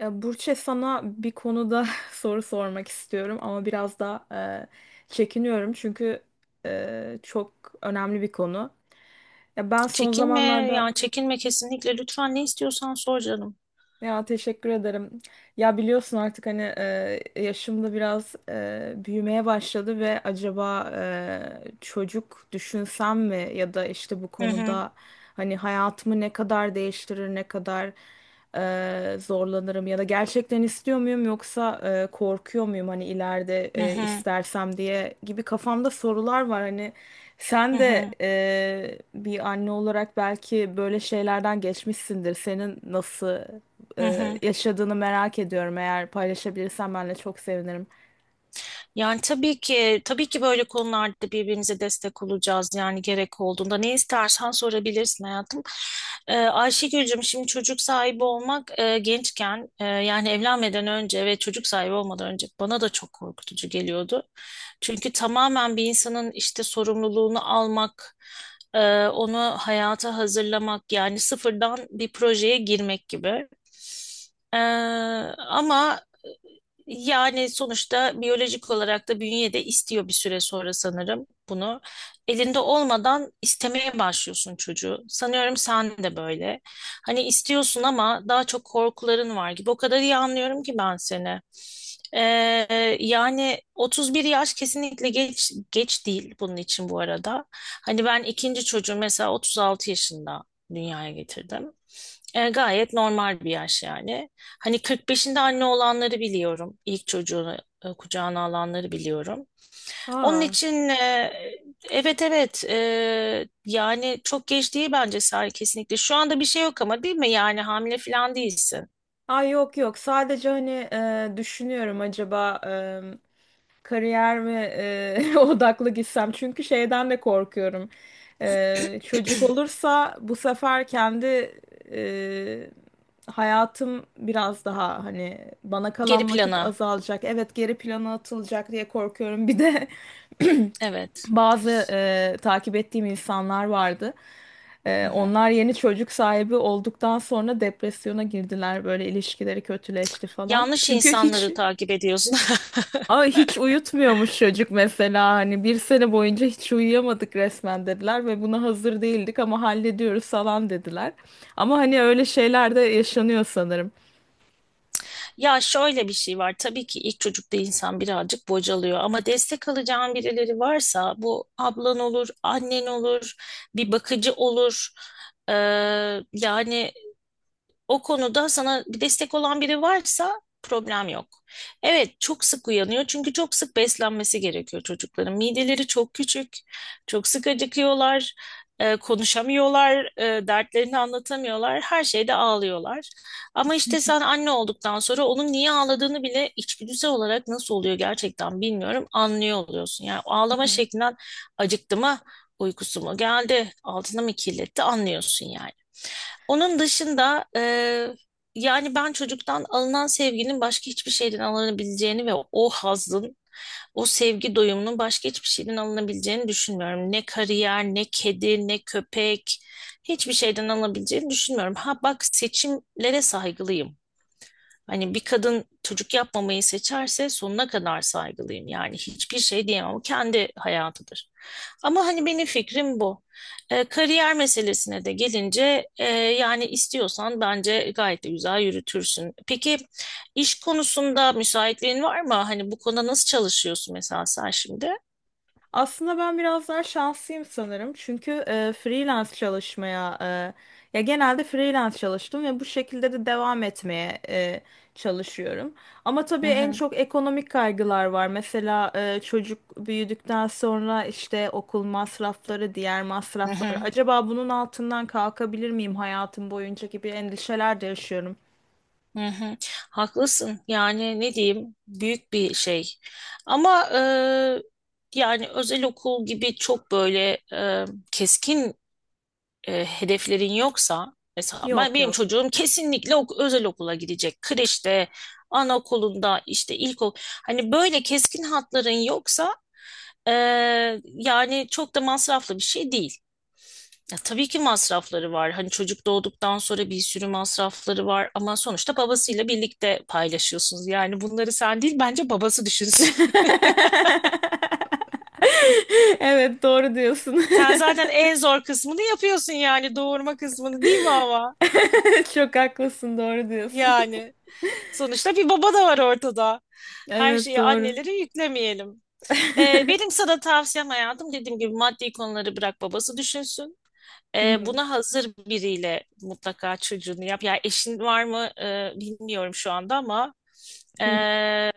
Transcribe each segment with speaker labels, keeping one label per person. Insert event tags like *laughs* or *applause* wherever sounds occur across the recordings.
Speaker 1: Ya Burçe sana bir konuda *laughs* soru sormak istiyorum ama biraz da çekiniyorum çünkü çok önemli bir konu. Ya ben son
Speaker 2: Çekinme
Speaker 1: zamanlarda
Speaker 2: çekinme kesinlikle lütfen ne istiyorsan sor canım.
Speaker 1: ya teşekkür ederim. Ya biliyorsun artık hani yaşım da biraz büyümeye başladı ve acaba çocuk düşünsem mi ya da işte bu
Speaker 2: Hı hı,
Speaker 1: konuda hani hayatımı ne kadar değiştirir, ne kadar zorlanırım ya da gerçekten istiyor muyum yoksa korkuyor muyum hani ileride
Speaker 2: hı hı,
Speaker 1: istersem diye gibi kafamda sorular var hani
Speaker 2: hı
Speaker 1: sen de
Speaker 2: hı,
Speaker 1: bir anne olarak belki böyle şeylerden geçmişsindir. Senin nasıl
Speaker 2: hı hı.
Speaker 1: yaşadığını merak ediyorum. Eğer paylaşabilirsen benle çok sevinirim.
Speaker 2: Yani tabii ki böyle konularda birbirimize destek olacağız, yani gerek olduğunda ne istersen sorabilirsin hayatım. Ayşegül'cüm şimdi çocuk sahibi olmak, gençken, yani evlenmeden önce ve çocuk sahibi olmadan önce bana da çok korkutucu geliyordu. Çünkü tamamen bir insanın işte sorumluluğunu almak, onu hayata hazırlamak, yani sıfırdan bir projeye girmek gibi. Ee, ama yani sonuçta biyolojik olarak da bünye de istiyor bir süre sonra sanırım bunu. Elinde olmadan istemeye başlıyorsun çocuğu. Sanıyorum sen de böyle. Hani istiyorsun ama daha çok korkuların var gibi. O kadar iyi anlıyorum ki ben seni. Ee, Yani 31 yaş kesinlikle geç değil bunun için bu arada. Hani ben ikinci çocuğu mesela 36 yaşında dünyaya getirdim. Gayet normal bir yaş yani. Hani 45'inde anne olanları biliyorum. İlk çocuğunu kucağına alanları biliyorum. Onun
Speaker 1: Aa,
Speaker 2: için evet evet e, yani çok geç değil bence Sare, kesinlikle. Şu anda bir şey yok ama değil mi? Yani hamile falan değilsin.
Speaker 1: ay yok yok, sadece hani düşünüyorum acaba kariyer mi *laughs* odaklı gitsem, çünkü şeyden de korkuyorum. Çocuk olursa bu sefer kendi e, hayatım biraz daha, hani bana
Speaker 2: Geri
Speaker 1: kalan vakit
Speaker 2: plana.
Speaker 1: azalacak. Evet, geri plana atılacak diye korkuyorum bir de. *laughs*
Speaker 2: Evet.
Speaker 1: Bazı takip ettiğim insanlar vardı.
Speaker 2: Hı hı.
Speaker 1: Onlar yeni çocuk sahibi olduktan sonra depresyona girdiler. Böyle ilişkileri kötüleşti falan.
Speaker 2: Yanlış
Speaker 1: Çünkü hiç.
Speaker 2: insanları takip ediyorsun. *laughs*
Speaker 1: Aa, hiç uyutmuyormuş çocuk mesela, hani bir sene boyunca hiç uyuyamadık resmen dediler ve buna hazır değildik ama hallediyoruz falan dediler. Ama hani öyle şeyler de yaşanıyor sanırım.
Speaker 2: Ya şöyle bir şey var. Tabii ki ilk çocukta insan birazcık bocalıyor ama destek alacağın birileri varsa, bu ablan olur, annen olur, bir bakıcı olur. Ee, Yani o konuda sana bir destek olan biri varsa problem yok. Evet, çok sık uyanıyor çünkü çok sık beslenmesi gerekiyor çocukların. Mideleri çok küçük, çok sık acıkıyorlar, konuşamıyorlar, dertlerini anlatamıyorlar, her şeyde ağlıyorlar. Ama işte sen anne olduktan sonra onun niye ağladığını bile içgüdüsel olarak, nasıl oluyor gerçekten bilmiyorum, anlıyor oluyorsun. Yani ağlama şeklinden acıktı mı, uykusu mu geldi, altına mı kirletti anlıyorsun yani. Onun dışında yani ben çocuktan alınan sevginin başka hiçbir şeyden alınabileceğini ve o hazın, o sevgi doyumunun başka hiçbir şeyden alınabileceğini düşünmüyorum. Ne kariyer, ne kedi, ne köpek, hiçbir şeyden alınabileceğini düşünmüyorum. Ha bak, seçimlere saygılıyım. Hani bir kadın çocuk yapmamayı seçerse sonuna kadar saygılıyım. Yani hiçbir şey diyemem. O kendi hayatıdır. Ama hani benim fikrim bu. Kariyer meselesine de gelince, yani istiyorsan bence gayet de güzel yürütürsün. Peki iş konusunda müsaitliğin var mı? Hani bu konuda nasıl çalışıyorsun mesela sen şimdi?
Speaker 1: Aslında ben biraz daha şanslıyım sanırım. Çünkü freelance çalışmaya genelde freelance çalıştım ve bu şekilde de devam etmeye çalışıyorum. Ama
Speaker 2: Hı
Speaker 1: tabii en
Speaker 2: hı,
Speaker 1: çok ekonomik kaygılar var. Mesela çocuk büyüdükten sonra işte okul masrafları, diğer
Speaker 2: hı
Speaker 1: masraflar.
Speaker 2: hı,
Speaker 1: Acaba bunun altından kalkabilir miyim hayatım boyunca gibi endişeler de yaşıyorum.
Speaker 2: hı hı. Haklısın. Yani ne diyeyim, büyük bir şey. Ama yani özel okul gibi çok böyle keskin hedeflerin yoksa, mesela ben
Speaker 1: Yok
Speaker 2: benim
Speaker 1: yok.
Speaker 2: çocuğum kesinlikle ok özel okula gidecek. Kreşte, anaokulunda, işte ilkokul. Hani böyle keskin hatların yoksa e, yani çok da masraflı bir şey değil. Ya tabii ki masrafları var. Hani çocuk doğduktan sonra bir sürü masrafları var ama sonuçta babasıyla birlikte paylaşıyorsunuz. Yani bunları sen değil bence babası düşünsün.
Speaker 1: *laughs* Evet, doğru diyorsun.
Speaker 2: *laughs* Sen zaten
Speaker 1: *laughs*
Speaker 2: en zor kısmını yapıyorsun, yani doğurma kısmını, değil mi ama?
Speaker 1: *laughs* Çok haklısın, doğru diyorsun. *laughs*
Speaker 2: Yani sonuçta bir baba da var ortada. Her
Speaker 1: Evet,
Speaker 2: şeyi
Speaker 1: doğru.
Speaker 2: annelere yüklemeyelim.
Speaker 1: *laughs* Hı
Speaker 2: Benim sana tavsiyem hayatım, dediğim gibi maddi konuları bırak babası düşünsün.
Speaker 1: hı,
Speaker 2: Buna hazır biriyle mutlaka çocuğunu yap. Yani eşin var mı bilmiyorum şu anda ama
Speaker 1: hı hı.
Speaker 2: e,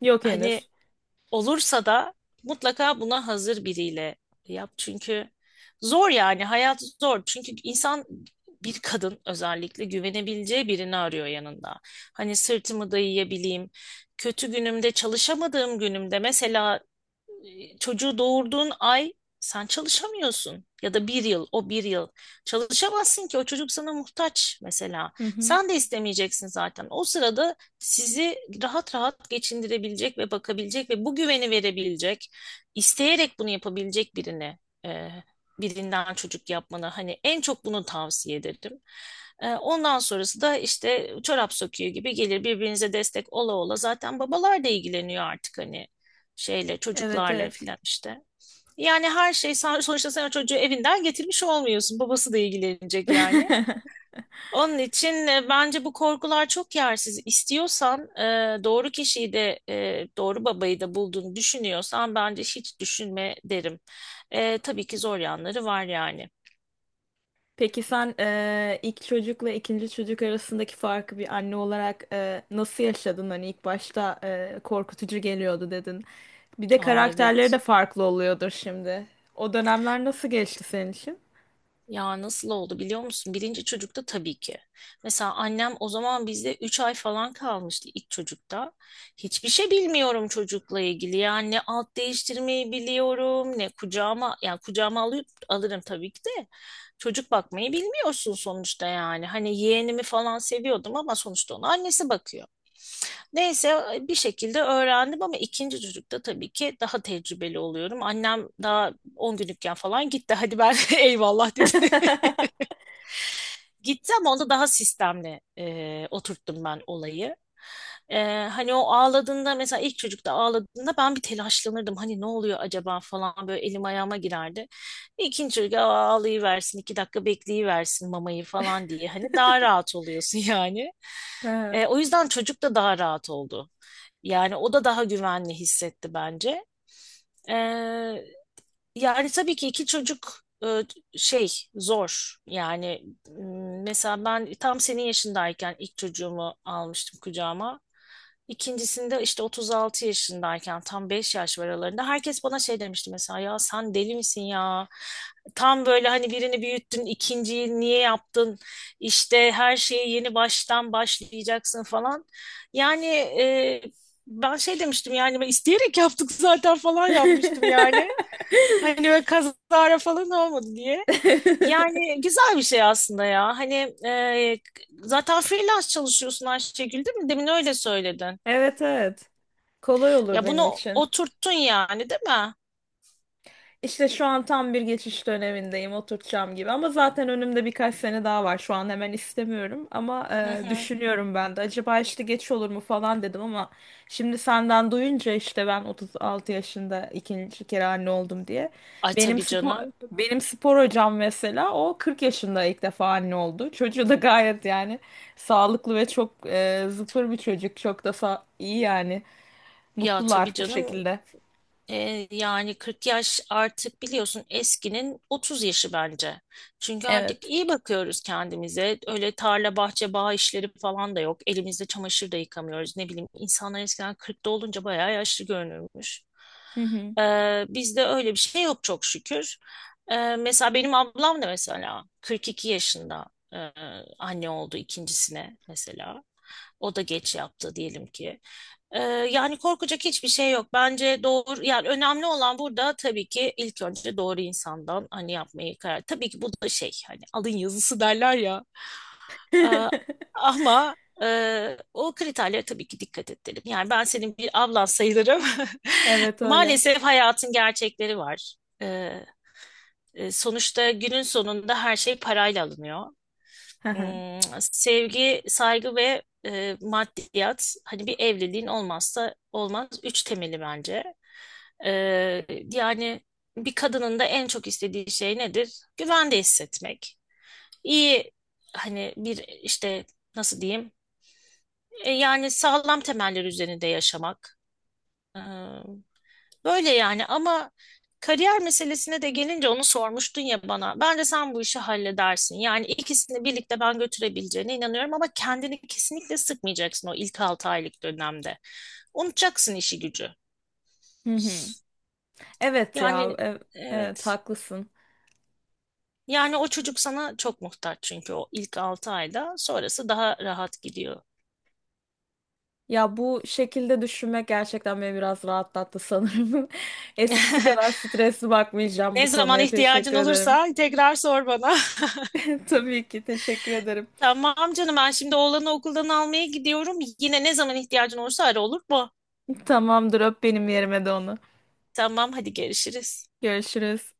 Speaker 1: Yok
Speaker 2: hani
Speaker 1: henüz.
Speaker 2: olursa da mutlaka buna hazır biriyle yap. Çünkü zor, yani hayat zor. Çünkü insan, bir kadın özellikle, güvenebileceği birini arıyor yanında. Hani sırtımı dayayabileyim. Kötü günümde, çalışamadığım günümde, mesela çocuğu doğurduğun ay sen çalışamıyorsun, ya da bir yıl, o bir yıl çalışamazsın ki o çocuk sana muhtaç mesela,
Speaker 1: Hı hı.
Speaker 2: sen de istemeyeceksin zaten o sırada. Sizi rahat rahat geçindirebilecek ve bakabilecek ve bu güveni verebilecek, isteyerek bunu yapabilecek birine, e, birinden çocuk yapmanı hani en çok bunu tavsiye ederim. Ondan sonrası da işte çorap söküğü gibi gelir, birbirinize destek ola ola. Zaten babalar da ilgileniyor artık, hani şeyle,
Speaker 1: Evet,
Speaker 2: çocuklarla
Speaker 1: evet.
Speaker 2: filan işte. Yani her şey sen, *laughs* sonuçta sen o çocuğu evinden getirmiş olmuyorsun. Babası da ilgilenecek yani.
Speaker 1: *laughs*
Speaker 2: Onun için bence bu korkular çok yersiz. İstiyorsan doğru kişiyi de, doğru babayı da bulduğunu düşünüyorsan, bence hiç düşünme derim. Tabii ki zor yanları var yani.
Speaker 1: Peki sen ilk çocukla ikinci çocuk arasındaki farkı bir anne olarak nasıl yaşadın? Hani ilk başta korkutucu geliyordu dedin. Bir de
Speaker 2: Aa,
Speaker 1: karakterleri de
Speaker 2: evet.
Speaker 1: farklı oluyordur şimdi. O dönemler nasıl geçti senin için?
Speaker 2: Ya nasıl oldu biliyor musun? Birinci çocukta tabii ki. Mesela annem o zaman bizde 3 ay falan kalmıştı ilk çocukta. Hiçbir şey bilmiyorum çocukla ilgili. Yani ne alt değiştirmeyi biliyorum, ne kucağıma, yani kucağıma alıp alırım tabii ki de. Çocuk bakmayı bilmiyorsun sonuçta yani. Hani yeğenimi falan seviyordum ama sonuçta ona annesi bakıyor. Neyse bir şekilde öğrendim ama ikinci çocukta tabii ki daha tecrübeli oluyorum. Annem daha 10 günlükken falan gitti. Hadi ben *laughs* eyvallah dedi,
Speaker 1: *laughs*
Speaker 2: gitti, ama onda daha sistemli oturttum ben olayı. E, Hani o ağladığında, mesela ilk çocukta ağladığında ben bir telaşlanırdım. Hani ne oluyor acaba falan, böyle elim ayağıma girerdi. İkinci çocuk, "Aa, ağlayıversin, 2 dakika bekleyiversin mamayı" falan diye. Hani daha rahat oluyorsun *laughs* yani.
Speaker 1: Ha.
Speaker 2: O yüzden çocuk da daha rahat oldu. Yani o da daha güvenli hissetti bence. E, Yani tabii ki iki çocuk şey zor. Yani mesela ben tam senin yaşındayken ilk çocuğumu almıştım kucağıma. İkincisinde işte 36 yaşındayken, tam 5 yaş var aralarında, herkes bana şey demişti mesela, ya sen deli misin ya? Tam böyle hani birini büyüttün, ikinciyi niye yaptın? İşte her şeyi yeni baştan başlayacaksın falan. Yani ben şey demiştim yani, ben isteyerek yaptık zaten falan yapmıştım yani. Hani böyle kazara falan olmadı diye.
Speaker 1: *laughs*
Speaker 2: Yani güzel bir şey aslında ya. Hani e, zaten freelance çalışıyorsun Ayşegül, değil mi? Demin öyle söyledin.
Speaker 1: Evet, evet. Kolay olur
Speaker 2: Ya
Speaker 1: benim
Speaker 2: bunu
Speaker 1: için.
Speaker 2: oturttun yani değil mi?
Speaker 1: İşte şu an tam bir geçiş dönemindeyim, oturtacağım gibi. Ama zaten önümde birkaç sene daha var. Şu an hemen istemiyorum ama
Speaker 2: Hı hı.
Speaker 1: düşünüyorum ben de. Acaba işte geç olur mu falan dedim ama şimdi senden duyunca, işte ben 36 yaşında ikinci kere anne oldum diye.
Speaker 2: Ay
Speaker 1: Benim
Speaker 2: tabii
Speaker 1: spor
Speaker 2: canım.
Speaker 1: Benim spor hocam mesela o 40 yaşında ilk defa anne oldu. Çocuğu da gayet yani sağlıklı ve çok zıpır bir çocuk. Çok da iyi yani.
Speaker 2: Ya tabii
Speaker 1: Mutlular bu
Speaker 2: canım.
Speaker 1: şekilde.
Speaker 2: Yani 40 yaş artık, biliyorsun, eskinin 30 yaşı bence. Çünkü artık
Speaker 1: Evet.
Speaker 2: iyi bakıyoruz kendimize. Öyle tarla, bahçe, bağ işleri falan da yok. Elimizde çamaşır da yıkamıyoruz. Ne bileyim, insanlar eskiden 40'ta olunca bayağı yaşlı görünürmüş.
Speaker 1: Hı hı.
Speaker 2: E, Bizde öyle bir şey yok çok şükür. Mesela benim ablam da mesela 42 yaşında e, anne oldu ikincisine mesela. O da geç yaptı diyelim ki. Ee, Yani korkacak hiçbir şey yok. Bence doğru, yani önemli olan burada tabii ki ilk önce doğru insandan hani yapmayı karar. Tabii ki bu da şey, hani alın yazısı derler ya. Ee,
Speaker 1: *laughs*
Speaker 2: ama o kriterlere tabii ki dikkat edelim. Yani ben senin bir ablan sayılırım.
Speaker 1: Evet
Speaker 2: *laughs*
Speaker 1: öyle.
Speaker 2: Maalesef hayatın gerçekleri var. Ee, Sonuçta günün sonunda her şey parayla alınıyor.
Speaker 1: Hı hı.
Speaker 2: Sevgi, saygı ve maddiyat, hani bir evliliğin olmazsa olmaz üç temeli bence. Ee, Yani bir kadının da en çok istediği şey nedir? Güvende hissetmek. İyi, hani bir, işte nasıl diyeyim? Yani sağlam temeller üzerinde yaşamak. Böyle yani. Ama kariyer meselesine de gelince, onu sormuştun ya bana. Bence sen bu işi halledersin. Yani ikisini birlikte ben götürebileceğine inanıyorum ama kendini kesinlikle sıkmayacaksın o ilk 6 aylık dönemde. Unutacaksın işi gücü.
Speaker 1: Hı hı. Evet
Speaker 2: Yani
Speaker 1: ya. ev- Evet
Speaker 2: evet.
Speaker 1: haklısın.
Speaker 2: Yani o çocuk sana çok muhtaç çünkü o ilk 6 ayda, sonrası daha rahat gidiyor.
Speaker 1: Ya bu şekilde düşünmek gerçekten beni biraz rahatlattı sanırım. *laughs* Eskisi kadar
Speaker 2: *laughs*
Speaker 1: stresli bakmayacağım
Speaker 2: Ne
Speaker 1: bu
Speaker 2: zaman
Speaker 1: konuya.
Speaker 2: ihtiyacın
Speaker 1: Teşekkür ederim.
Speaker 2: olursa tekrar sor bana.
Speaker 1: *laughs* Tabii ki, teşekkür
Speaker 2: *laughs*
Speaker 1: ederim.
Speaker 2: Tamam canım, ben şimdi oğlanı okuldan almaya gidiyorum. Yine ne zaman ihtiyacın olursa ara, olur mu?
Speaker 1: Tamamdır, öp benim yerime de onu.
Speaker 2: Tamam, hadi görüşürüz.
Speaker 1: Görüşürüz.